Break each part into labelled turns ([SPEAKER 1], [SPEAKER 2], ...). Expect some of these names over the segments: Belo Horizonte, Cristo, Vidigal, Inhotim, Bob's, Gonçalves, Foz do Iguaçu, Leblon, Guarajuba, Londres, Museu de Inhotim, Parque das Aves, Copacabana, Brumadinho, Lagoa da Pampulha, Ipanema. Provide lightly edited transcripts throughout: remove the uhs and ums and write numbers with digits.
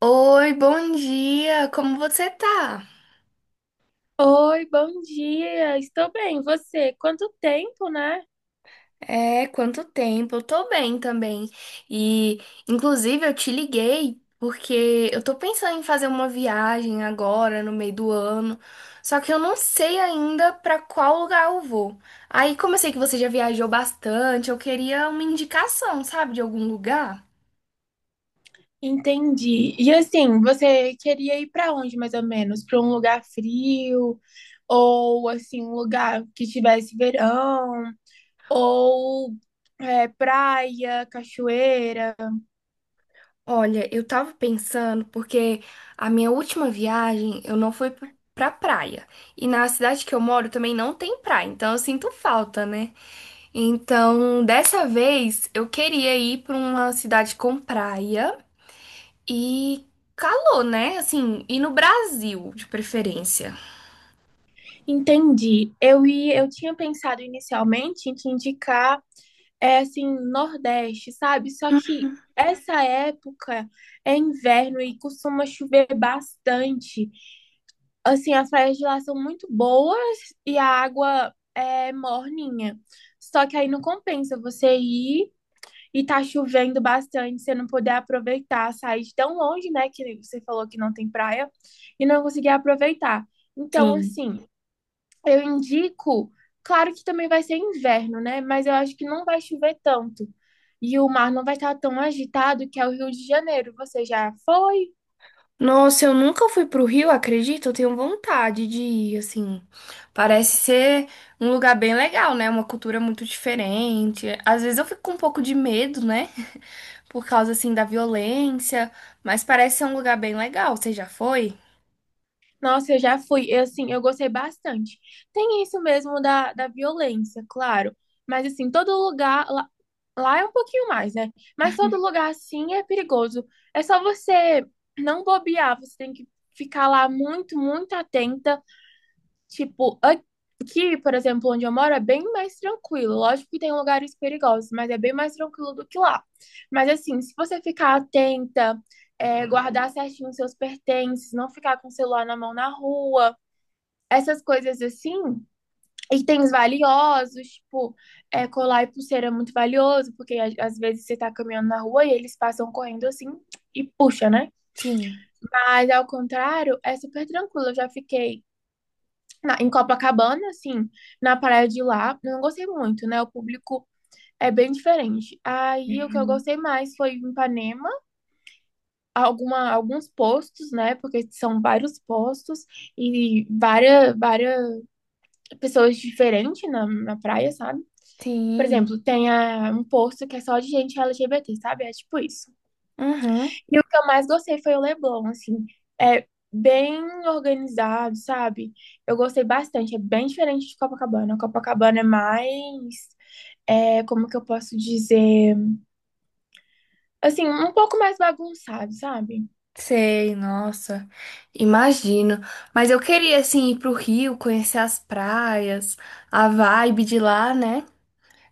[SPEAKER 1] Oi, bom dia! Como você tá?
[SPEAKER 2] Oi, bom dia. Estou bem. Você? Quanto tempo, né?
[SPEAKER 1] É, quanto tempo? Eu tô bem também. E, inclusive, eu te liguei porque eu tô pensando em fazer uma viagem agora, no meio do ano, só que eu não sei ainda pra qual lugar eu vou. Aí, como eu sei que você já viajou bastante, eu queria uma indicação, sabe, de algum lugar?
[SPEAKER 2] Entendi. E assim, você queria ir para onde mais ou menos? Para um lugar frio ou assim, um lugar que tivesse verão ou praia, cachoeira?
[SPEAKER 1] Olha, eu tava pensando porque a minha última viagem eu não fui p- pra praia. E na cidade que eu moro também não tem praia, então eu sinto falta, né? Então, dessa vez eu queria ir pra uma cidade com praia e calor, né? Assim, e no Brasil, de preferência.
[SPEAKER 2] Entendi. Eu tinha pensado inicialmente em te indicar é assim, Nordeste, sabe? Só que essa época é inverno e costuma chover bastante. Assim, as praias de lá são muito boas e a água é morninha. Só que aí não compensa você ir e tá chovendo bastante, você não poder aproveitar, sair de tão longe, né? Que você falou que não tem praia e não conseguir aproveitar. Então,
[SPEAKER 1] Sim.
[SPEAKER 2] assim, eu indico. Claro que também vai ser inverno, né? Mas eu acho que não vai chover tanto. E o mar não vai estar tão agitado que é o Rio de Janeiro. Você já foi?
[SPEAKER 1] Nossa, eu nunca fui pro Rio, acredito. Eu tenho vontade de ir, assim. Parece ser um lugar bem legal, né? Uma cultura muito diferente. Às vezes eu fico com um pouco de medo, né? Por causa, assim, da violência. Mas parece ser um lugar bem legal. Você já foi?
[SPEAKER 2] Nossa, eu já fui. Eu gostei bastante. Tem isso mesmo da violência, claro. Mas, assim, todo lugar. Lá é um pouquinho mais, né? Mas todo lugar, assim, é perigoso. É só você não bobear. Você tem que ficar lá muito, muito atenta. Tipo, aqui, por exemplo, onde eu moro, é bem mais tranquilo. Lógico que tem lugares perigosos, mas é bem mais tranquilo do que lá. Mas, assim, se você ficar atenta. Guardar certinho os seus pertences, não ficar com o celular na mão na rua, essas coisas assim, itens valiosos, tipo, colar e pulseira é muito valioso, porque às vezes você tá caminhando na rua e eles passam correndo assim e puxa, né?
[SPEAKER 1] Sim.
[SPEAKER 2] Mas ao contrário, é super tranquilo. Eu já fiquei em Copacabana, assim, na praia de lá. Eu não gostei muito, né? O público é bem diferente. Aí o que eu
[SPEAKER 1] Uhum.
[SPEAKER 2] gostei mais foi em Ipanema, alguns postos, né? Porque são vários postos e várias pessoas diferentes na praia, sabe? Por
[SPEAKER 1] Sim.
[SPEAKER 2] exemplo, tem um posto que é só de gente LGBT, sabe? É tipo isso.
[SPEAKER 1] Uhum.
[SPEAKER 2] E o que eu mais gostei foi o Leblon, assim. É bem organizado, sabe? Eu gostei bastante. É bem diferente de Copacabana. Copacabana é mais. É, como que eu posso dizer? Assim, um pouco mais bagunçado, sabe?
[SPEAKER 1] Sei, nossa, imagino. Mas eu queria, assim, ir pro Rio, conhecer as praias, a vibe de lá, né?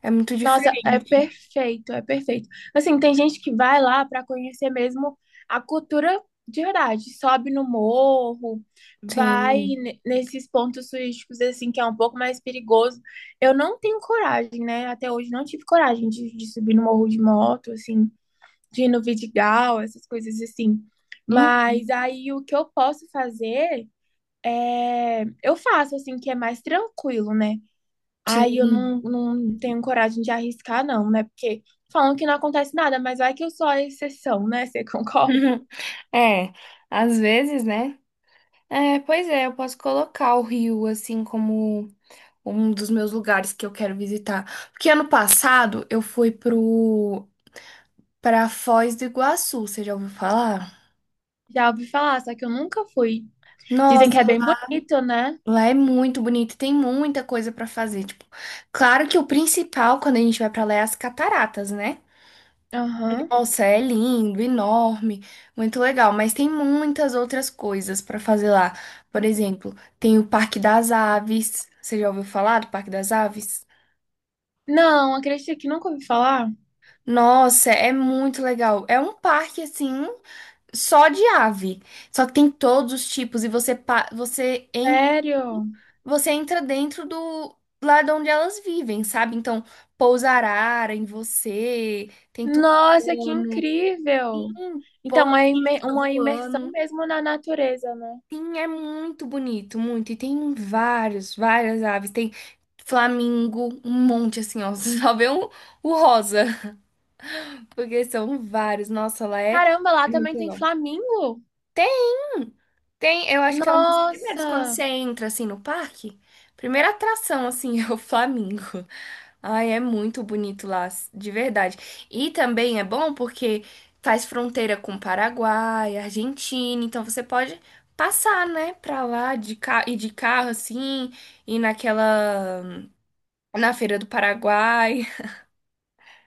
[SPEAKER 1] É muito
[SPEAKER 2] Nossa, é
[SPEAKER 1] diferente.
[SPEAKER 2] perfeito, é perfeito. Assim, tem gente que vai lá para conhecer mesmo a cultura de verdade. Sobe no morro, vai
[SPEAKER 1] Sim.
[SPEAKER 2] nesses pontos turísticos, assim, que é um pouco mais perigoso. Eu não tenho coragem, né? Até hoje não tive coragem de subir no morro de moto, assim, de ir no Vidigal, essas coisas assim.
[SPEAKER 1] Uhum.
[SPEAKER 2] Mas aí o que eu posso fazer é. Eu faço, assim, que é mais tranquilo, né? Aí eu
[SPEAKER 1] Sim.
[SPEAKER 2] não, não tenho coragem de arriscar, não, né? Porque falam que não acontece nada, mas vai que eu sou a exceção, né? Você concorda?
[SPEAKER 1] É, às vezes, né? É, pois é, eu posso colocar o Rio assim como um dos meus lugares que eu quero visitar. Porque ano passado eu fui pro para Foz do Iguaçu, você já ouviu falar?
[SPEAKER 2] Já ouvi falar, só que eu nunca fui. Dizem que é
[SPEAKER 1] Nossa,
[SPEAKER 2] bem bonito, né?
[SPEAKER 1] lá é muito bonito, tem muita coisa pra fazer, tipo, claro que o principal quando a gente vai pra lá é as cataratas, né?
[SPEAKER 2] Aham.
[SPEAKER 1] Nossa, é lindo, enorme, muito legal, mas tem muitas outras coisas para fazer lá. Por exemplo, tem o Parque das Aves. Você já ouviu falar do Parque das Aves?
[SPEAKER 2] Não, acredita que nunca ouvi falar?
[SPEAKER 1] Nossa, é muito legal. É um parque assim, só de ave. Só que tem todos os tipos e
[SPEAKER 2] Sério?
[SPEAKER 1] você entra dentro do lá de onde elas vivem, sabe? Então, pousa arara em você, tem
[SPEAKER 2] Nossa, que
[SPEAKER 1] tucano,
[SPEAKER 2] incrível! Então,
[SPEAKER 1] pousa que fica
[SPEAKER 2] uma imersão
[SPEAKER 1] voando.
[SPEAKER 2] mesmo na natureza, né?
[SPEAKER 1] Sim, é muito bonito, muito. E tem várias aves. Tem flamingo, um monte assim, ó. Você só vê um, o rosa, porque são vários. Nossa, lá é
[SPEAKER 2] Caramba, lá
[SPEAKER 1] é muito
[SPEAKER 2] também tem
[SPEAKER 1] legal.
[SPEAKER 2] flamingo?
[SPEAKER 1] Tem? Tem, eu acho que é um dos primeiros quando
[SPEAKER 2] Nossa!
[SPEAKER 1] você entra assim no parque. Primeira atração assim é o Flamingo. Ai, é muito bonito lá, de verdade. E também é bom porque faz fronteira com Paraguai, Argentina, então você pode passar, né, pra lá de carro e de carro assim, e naquela na Feira do Paraguai.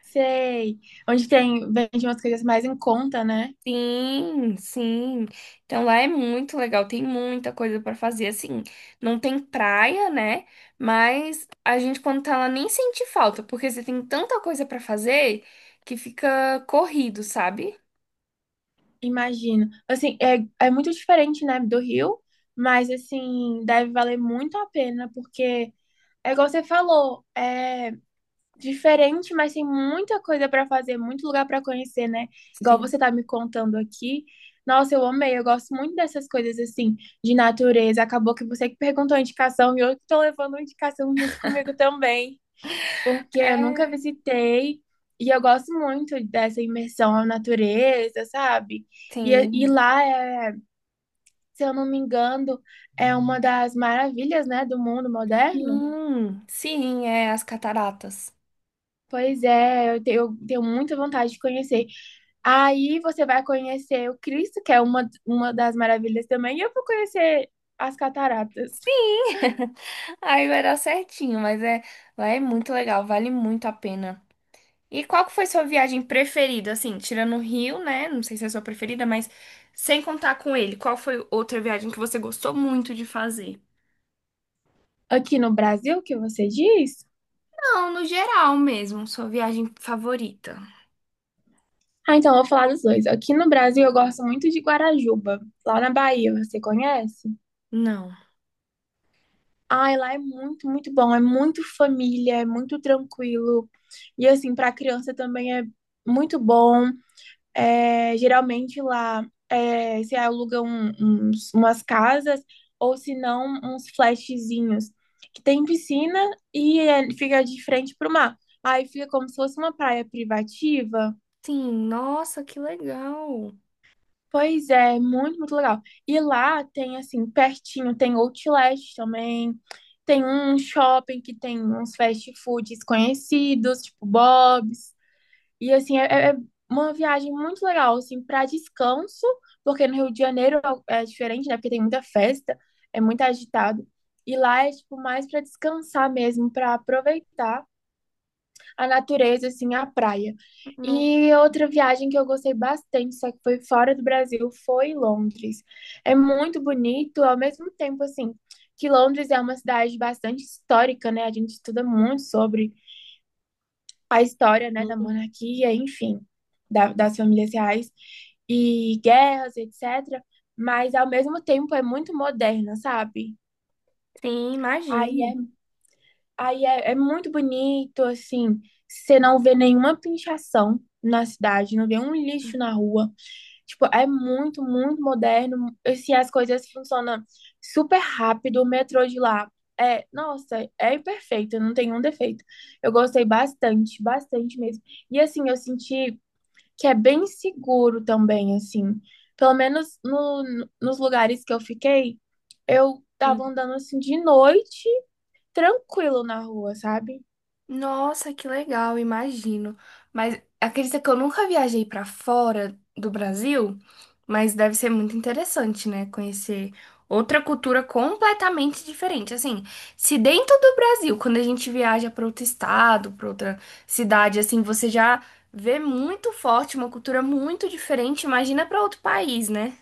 [SPEAKER 2] Sei. Onde tem, vende umas coisas mais em conta, né?
[SPEAKER 1] Sim, sim. Então lá é muito legal, tem muita coisa pra fazer. Assim, não tem praia, né? Mas a gente, quando tá lá, nem sente falta, porque você tem tanta coisa pra fazer que fica corrido, sabe?
[SPEAKER 2] Imagino. Assim, é muito diferente, né, do Rio, mas, assim, deve valer muito a pena, porque é igual você falou, é diferente, mas tem muita coisa para fazer, muito lugar para conhecer, né? Igual você
[SPEAKER 1] Sim.
[SPEAKER 2] tá me contando aqui. Nossa, eu amei, eu gosto muito dessas coisas, assim, de natureza. Acabou que você que perguntou a indicação e eu que tô levando a indicação junto comigo também porque eu nunca
[SPEAKER 1] É,
[SPEAKER 2] visitei e eu gosto muito dessa imersão à natureza, sabe? E, e
[SPEAKER 1] tem.
[SPEAKER 2] lá, se eu não me engano, é uma das maravilhas, né, do mundo moderno.
[SPEAKER 1] Sim, sim, é as cataratas.
[SPEAKER 2] Pois é, eu tenho muita vontade de conhecer. Aí você vai conhecer o Cristo, que é uma das maravilhas também, e eu vou conhecer as cataratas.
[SPEAKER 1] Sim, aí vai dar certinho, mas é, lá é muito legal, vale muito a pena. E qual que foi sua viagem preferida, assim, tirando o Rio, né? Não sei se é a sua preferida, mas sem contar com ele, qual foi outra viagem que você gostou muito de fazer?
[SPEAKER 2] Aqui no Brasil, que você diz?
[SPEAKER 1] Não, no geral mesmo, sua viagem favorita.
[SPEAKER 2] Ah, então eu vou falar dos dois. Aqui no Brasil eu gosto muito de Guarajuba, lá na Bahia, você conhece?
[SPEAKER 1] Não.
[SPEAKER 2] Ai, lá é muito, muito bom. É muito família, é muito tranquilo. E assim, para criança também é muito bom. É, geralmente lá é, se aluga umas casas ou se não uns flatzinhos que tem piscina e é, fica de frente para o mar. Aí fica como se fosse uma praia privativa.
[SPEAKER 1] Sim, nossa, que legal.
[SPEAKER 2] Pois é, muito, muito legal. E lá tem, assim, pertinho, tem Outlet também, tem um shopping que tem uns fast foods conhecidos, tipo Bob's. E, assim, é uma viagem muito legal, assim, para descanso, porque no Rio de Janeiro é diferente, né? Porque tem muita festa, é muito agitado. E lá é, tipo, mais para descansar mesmo, para aproveitar a natureza, assim, a praia.
[SPEAKER 1] Não.
[SPEAKER 2] E outra viagem que eu gostei bastante, só que foi fora do Brasil, foi Londres. É muito bonito, ao mesmo tempo, assim, que Londres é uma cidade bastante histórica, né? A gente estuda muito sobre a história, né, da
[SPEAKER 1] Sim,
[SPEAKER 2] monarquia, enfim, das famílias reais e guerras, etc. Mas, ao mesmo tempo, é muito moderna, sabe?
[SPEAKER 1] sim,
[SPEAKER 2] Aí é
[SPEAKER 1] imagino.
[SPEAKER 2] Aí é muito bonito, assim, você não vê nenhuma pinchação na cidade, não vê um lixo na rua. Tipo, é muito, muito moderno. Assim, as coisas funcionam super rápido, o metrô de lá. É, nossa, é perfeito, não tem um defeito. Eu gostei bastante, bastante mesmo. E assim, eu senti que é bem seguro também, assim. Pelo menos nos lugares que eu fiquei, eu tava andando assim de noite, tranquilo na rua, sabe?
[SPEAKER 1] Nossa, que legal, imagino. Mas acredita que eu nunca viajei pra fora do Brasil, mas deve ser muito interessante, né? Conhecer outra cultura completamente diferente. Assim, se dentro do Brasil, quando a gente viaja pra outro estado, pra outra cidade, assim, você já vê muito forte uma cultura muito diferente, imagina pra outro país, né?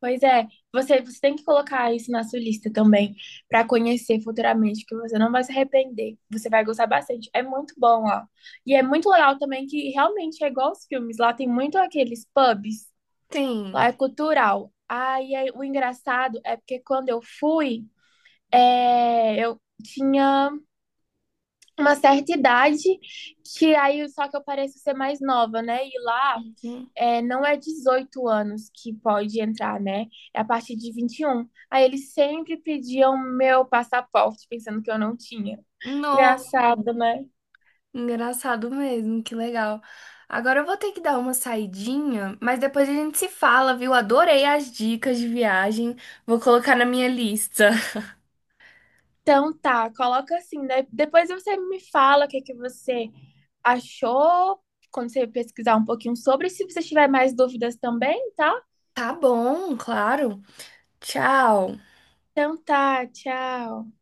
[SPEAKER 2] Pois é, você tem que colocar isso na sua lista também, para conhecer futuramente, que você não vai se arrepender. Você vai gostar bastante. É muito bom lá. E é muito legal também que realmente é igual os filmes. Lá tem muito aqueles pubs,
[SPEAKER 1] Tem.
[SPEAKER 2] lá é cultural. Aí, o engraçado é porque quando eu fui, eu tinha uma certa idade, que aí só que eu pareço ser mais nova, né? E lá
[SPEAKER 1] Uhum.
[SPEAKER 2] não é 18 anos que pode entrar, né? É a partir de 21. Aí eles sempre pediam meu passaporte, pensando que eu não tinha. Engraçado, né?
[SPEAKER 1] Engraçado mesmo, que legal. Agora eu vou ter que dar uma saidinha, mas depois a gente se fala, viu? Adorei as dicas de viagem. Vou colocar na minha lista.
[SPEAKER 2] Então tá, coloca assim, né? Depois você me fala é que você achou, quando você pesquisar um pouquinho sobre, se você tiver mais dúvidas também, tá?
[SPEAKER 1] Tá bom, claro. Tchau.
[SPEAKER 2] Então tá, tchau.